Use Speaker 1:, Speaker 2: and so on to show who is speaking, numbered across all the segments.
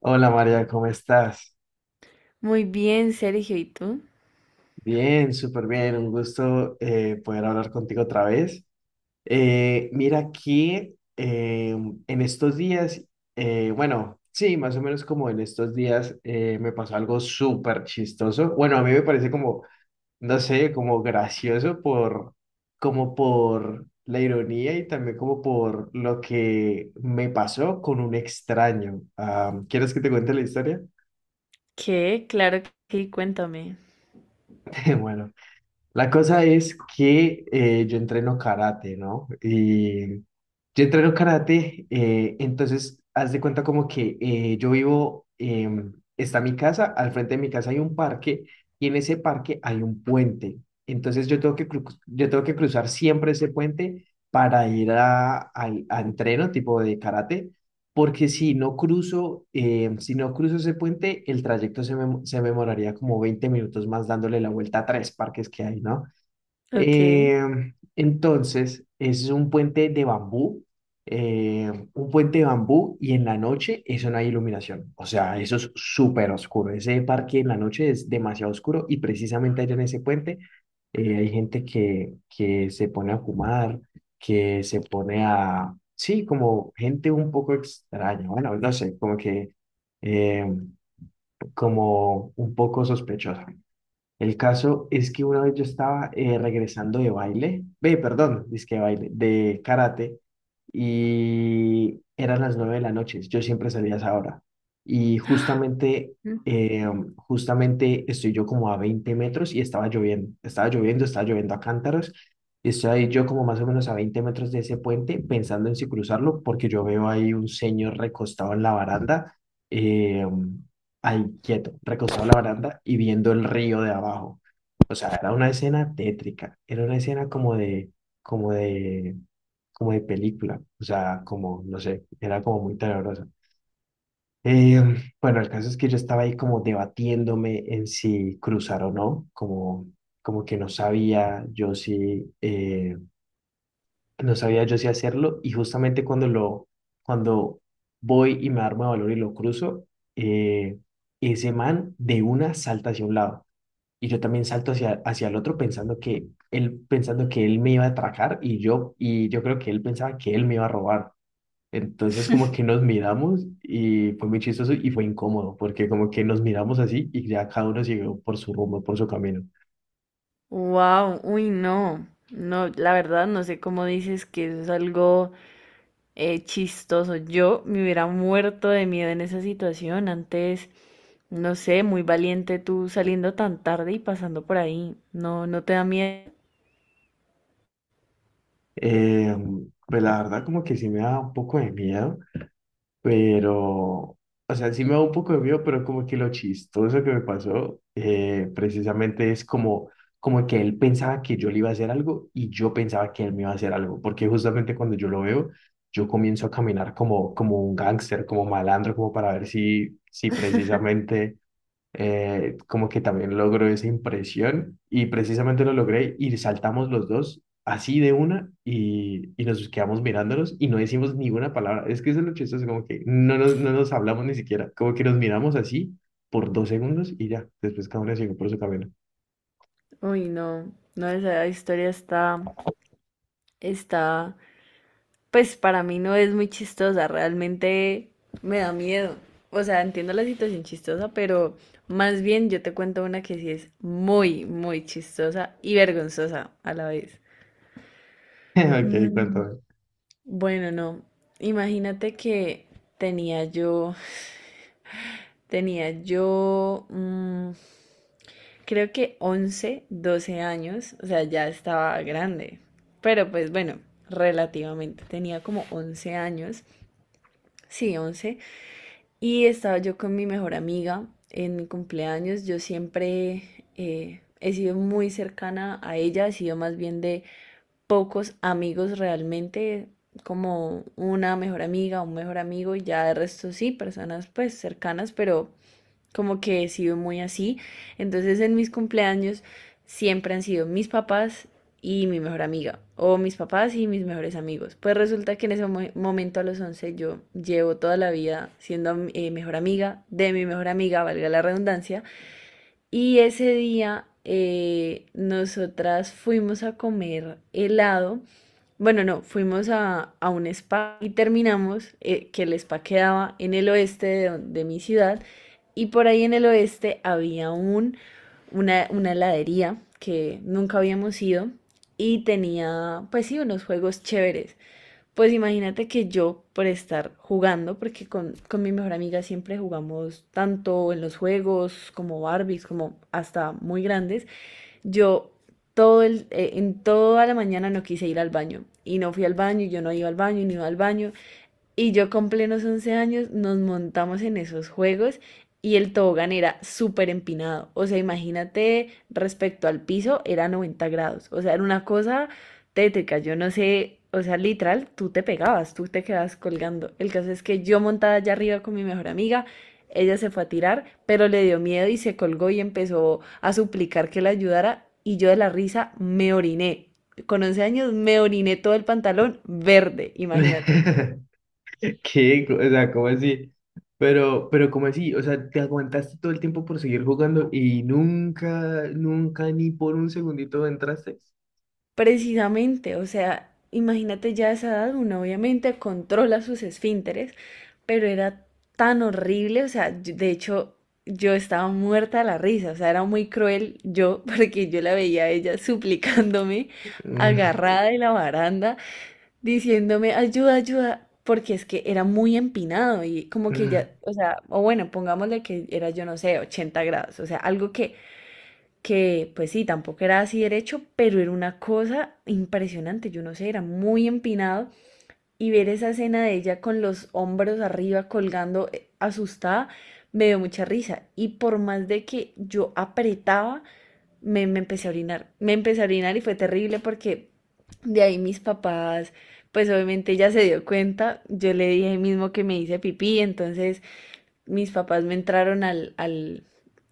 Speaker 1: Hola María, ¿cómo estás?
Speaker 2: Muy bien, Sergio, ¿y tú?
Speaker 1: Bien, súper bien, un gusto poder hablar contigo otra vez. Mira aquí, en estos días, bueno, sí, más o menos como en estos días, me pasó algo súper chistoso. Bueno, a mí me parece como, no sé, como gracioso por, como por la ironía y también como por lo que me pasó con un extraño. Ah, ¿quieres que te cuente la historia?
Speaker 2: ¿Qué? Claro que sí, cuéntame.
Speaker 1: Bueno. La cosa es que yo entreno karate, ¿no? Entonces haz de cuenta como que yo vivo, está mi casa, al frente de mi casa hay un parque y en ese parque hay un puente. Entonces yo tengo yo tengo que cruzar siempre ese puente para ir a entreno tipo de karate porque si no cruzo, si no cruzo ese puente, el trayecto se me demoraría como 20 minutos más dándole la vuelta a tres parques que hay, ¿no?
Speaker 2: Ok.
Speaker 1: Eh, entonces, es un puente de bambú, un puente de bambú y en la noche eso no hay iluminación. O sea, eso es súper oscuro. Ese parque en la noche es demasiado oscuro y precisamente allá en ese puente que se pone a fumar, que se pone a... Sí, como gente un poco extraña. Bueno, no sé, como que... eh, como un poco sospechosa. El caso es que una vez yo estaba regresando de baile, ve, perdón, dizque de baile, de karate, y eran las 9 de la noche, yo siempre salía a esa hora, y justamente, eh, justamente estoy yo como a 20 metros y estaba lloviendo, estaba lloviendo, estaba lloviendo a cántaros, y estoy ahí yo como más o menos a 20 metros de ese puente, pensando en si cruzarlo, porque yo veo ahí un señor recostado en la baranda, eh, ahí quieto, recostado en la baranda y viendo el río de abajo. O sea, era una escena tétrica, era una escena como de, como de película, o sea, como, no sé, era como muy tenebrosa. Eh, bueno, el caso es que yo estaba ahí como debatiéndome en si cruzar o no, como, como que no sabía yo si, no sabía yo si hacerlo y justamente cuando voy y me armo de valor y lo cruzo, eh, ese man de una salta hacia un lado y yo también salto hacia el otro pensando pensando que él me iba a atracar y yo creo que él pensaba que él me iba a robar. Entonces como que nos miramos y fue muy chistoso y fue incómodo porque como que nos miramos así y ya cada uno siguió por su rumbo, por su camino.
Speaker 2: Wow, uy, no. No, la verdad no sé cómo dices que eso es algo chistoso. Yo me hubiera muerto de miedo en esa situación. Antes, no sé, muy valiente tú saliendo tan tarde y pasando por ahí. No, no te da miedo.
Speaker 1: Eh, pues la verdad como que sí me da un poco de miedo. Pero, o sea, sí me da un poco de miedo, pero como que lo chistoso que me pasó, precisamente es como que él pensaba que yo le iba a hacer algo y yo pensaba que él me iba a hacer algo, porque justamente cuando yo lo veo, yo comienzo a caminar como, como un gángster, como malandro, como para ver si precisamente como que también logró esa impresión y precisamente lo logré y saltamos los dos así de una y nos quedamos mirándonos y no decimos ninguna palabra. Es que eso es lo chistoso, como que no nos hablamos ni siquiera, como que nos miramos así por 2 segundos y ya, después cada uno siguió por su camino.
Speaker 2: Uy, no. No, esa historia está pues para mí no es muy chistosa, realmente me da miedo. O sea, entiendo la situación chistosa, pero más bien yo te cuento una que sí es muy, muy chistosa y vergonzosa a la vez.
Speaker 1: Ok,
Speaker 2: Mm,
Speaker 1: cuéntame.
Speaker 2: bueno, no. Imagínate que tenía yo, tenía yo, creo que 11 12 años, o sea, ya estaba grande, pero pues bueno, relativamente, tenía como 11 años, sí, 11. Y estaba yo con mi mejor amiga en mi cumpleaños. Yo siempre he sido muy cercana a ella, he sido más bien de pocos amigos realmente, como una mejor amiga, un mejor amigo, y ya de resto sí, personas pues cercanas, pero como que he sido muy así. Entonces en mis cumpleaños siempre han sido mis papás y mi mejor amiga, o mis papás y mis mejores amigos. Pues resulta que en ese momento a los 11 yo llevo toda la vida siendo mejor amiga de mi mejor amiga, valga la redundancia, y ese día nosotras fuimos a comer helado. Bueno, no, fuimos a un spa y terminamos, que el spa quedaba en el oeste de mi ciudad. Y por ahí en el oeste había una heladería que nunca habíamos ido y tenía, pues sí, unos juegos chéveres. Pues imagínate que yo, por estar jugando, porque con mi mejor amiga siempre jugamos tanto en los juegos como Barbies, como hasta muy grandes, yo en toda la mañana no quise ir al baño. Y no fui al baño, y yo no iba al baño, y no iba al baño. Y yo con plenos 11 años nos montamos en esos juegos y el tobogán era súper empinado. O sea, imagínate respecto al piso, era 90 grados. O sea, era una cosa tétrica. Yo no sé, o sea, literal, tú te pegabas, tú te quedabas colgando. El caso es que yo montada allá arriba con mi mejor amiga, ella se fue a tirar, pero le dio miedo y se colgó y empezó a suplicar que la ayudara. Y yo de la risa me oriné. Con 11 años me oriné todo el pantalón verde, imagínate.
Speaker 1: ¿Qué? O sea, ¿cómo así? Pero ¿cómo así? O sea, te aguantaste todo el tiempo por seguir jugando y nunca, nunca ni por un segundito entraste.
Speaker 2: Precisamente, o sea, imagínate ya a esa edad, uno obviamente controla sus esfínteres, pero era tan horrible, o sea, de hecho yo estaba muerta de la risa, o sea, era muy cruel yo, porque yo la veía a ella suplicándome, agarrada de la baranda, diciéndome, ayuda, ayuda, porque es que era muy empinado y como que ya, o sea, o bueno, pongámosle que era, yo no sé, 80 grados, o sea, algo que pues sí, tampoco era así derecho, pero era una cosa impresionante, yo no sé, era muy empinado y ver esa escena de ella con los hombros arriba colgando asustada me dio mucha risa y por más de que yo apretaba, me empecé a orinar, me empecé a orinar y fue terrible porque de ahí mis papás, pues obviamente ella se dio cuenta, yo le dije mismo que me hice pipí, entonces mis papás me entraron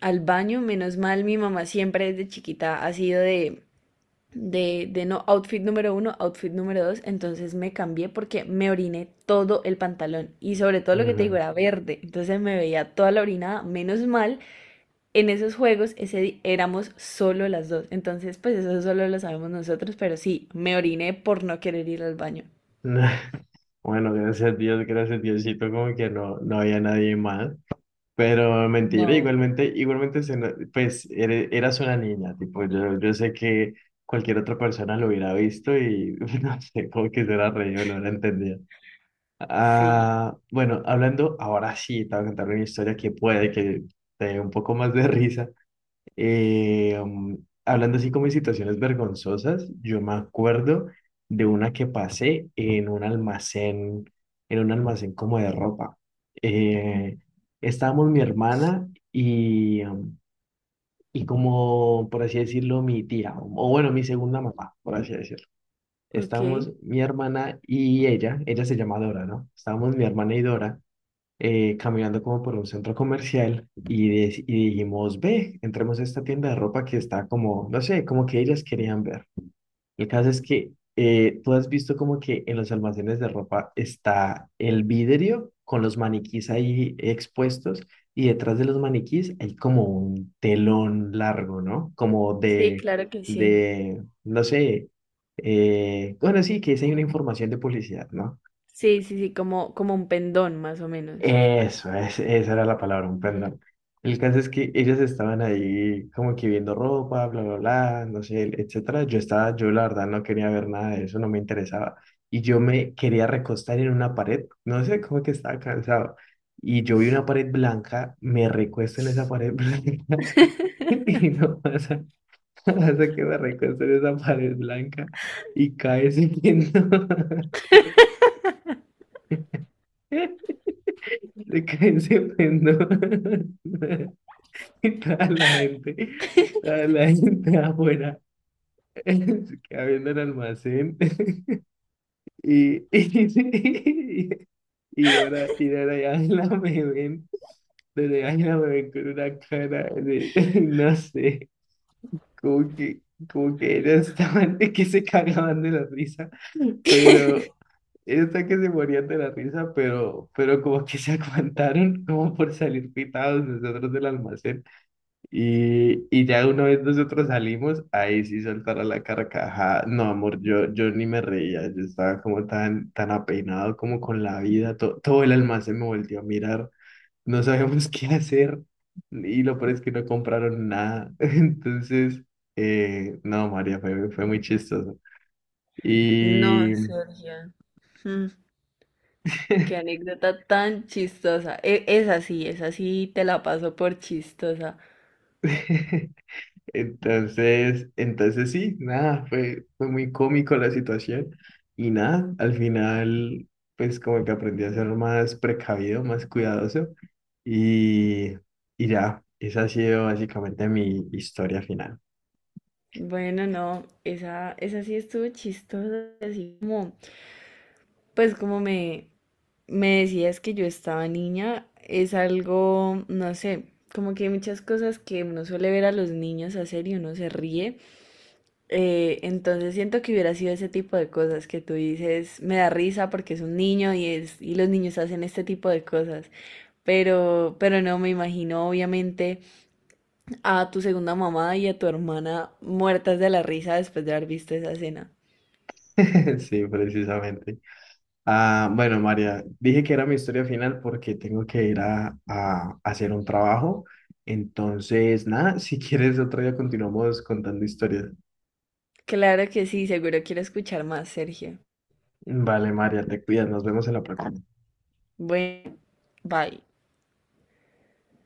Speaker 2: al baño, menos mal, mi mamá siempre desde chiquita ha sido de no outfit número uno, outfit número dos, entonces me cambié porque me oriné todo el pantalón y sobre todo lo que te digo
Speaker 1: Ujú.
Speaker 2: era verde, entonces me veía toda la orinada, menos mal, en esos juegos ese éramos solo las dos, entonces pues eso solo lo sabemos nosotros, pero sí, me oriné por no querer ir al baño.
Speaker 1: Bueno, gracias a Dios, gracias Diosito, como que no había nadie más. Pero mentira,
Speaker 2: No,
Speaker 1: igualmente, igualmente, se no- pues eras una niña, tipo, yo sé que cualquier otra persona lo hubiera visto y no sé, como que se hubiera reído, lo hubiera entendido.
Speaker 2: sí,
Speaker 1: Ah, bueno, hablando ahora sí, te voy a contar una historia que puede que te dé un poco más de risa. Eh, um, Hablando así como de situaciones vergonzosas, yo me acuerdo de una que pasé en un almacén como de ropa. Eh, Estábamos mi hermana y como, por así decirlo, mi tía, o bueno, mi segunda mamá, por así decirlo.
Speaker 2: ok,
Speaker 1: Estábamos mi hermana y ella se llama Dora, ¿no? Estábamos mi hermana y Dora caminando como por un centro comercial y, de y dijimos, ve, entremos a esta tienda de ropa que está como, no sé, como que ellas querían ver. El caso es que tú has visto como que en los almacenes de ropa está el vidrio con los maniquís ahí expuestos y detrás de los maniquís hay como un telón largo, ¿no? Como
Speaker 2: sí, claro que sí.
Speaker 1: de, no sé, bueno, sí, que es ahí una información de publicidad, ¿no?
Speaker 2: Sí, sí, sí, como un pendón, más o menos.
Speaker 1: Eso, esa era la palabra, un perdón. El caso es que ellas estaban ahí como que viendo ropa, bla, bla, bla, no sé, etcétera. Yo la verdad no quería ver nada de eso, no me interesaba. Y yo me quería recostar en una pared, no sé, como que estaba cansado. Y yo vi una pared blanca, me recuesto en esa pared blanca y no pasa, no pasa que me recuesto en esa pared blanca y cae ese pendón. Se cae ese pendón. toda la gente, toda la gente afuera, se queda viendo el almacén. Y, y, y Dora y Ángela me ven, Dora y Ángela me ven con una cara de, no sé, como que, como que ellas estaban, que se cagaban de la risa, pero esta que se morían de la risa, pero como que se aguantaron como por salir pitados nosotros del almacén. Y ya una vez nosotros salimos, ahí sí soltara la carcajada. No, amor, yo ni me reía, yo estaba como tan apeinado como con la vida, todo el almacén me volvió a mirar, no sabíamos qué hacer y lo peor es que no compraron nada. Entonces, no, María, fue muy chistoso.
Speaker 2: No,
Speaker 1: Y,
Speaker 2: Sergio. mm, qué anécdota tan chistosa. Esa sí, esa sí te la paso por chistosa.
Speaker 1: Entonces sí, nada, fue muy cómico la situación y nada, al final pues como que aprendí a ser más precavido, más cuidadoso y, y ya, esa ha sido básicamente mi historia final.
Speaker 2: Bueno, no, esa sí estuvo chistosa, así como, pues como me decías que yo estaba niña, es algo, no sé, como que hay muchas cosas que uno suele ver a los niños hacer y uno se ríe. Entonces siento que hubiera sido ese tipo de cosas que tú dices, me da risa porque es un niño y y los niños hacen este tipo de cosas. Pero, no me imagino, obviamente, a tu segunda mamá y a tu hermana muertas de la risa después de haber visto esa escena.
Speaker 1: Sí, precisamente. Ah, bueno, María, dije que era mi historia final porque tengo que ir a hacer un trabajo. Entonces, nada, si quieres otro día continuamos contando historias.
Speaker 2: Claro que sí, seguro quiero escuchar más, Sergio.
Speaker 1: Vale, María, te cuidas, nos vemos en la próxima.
Speaker 2: Bueno, bye.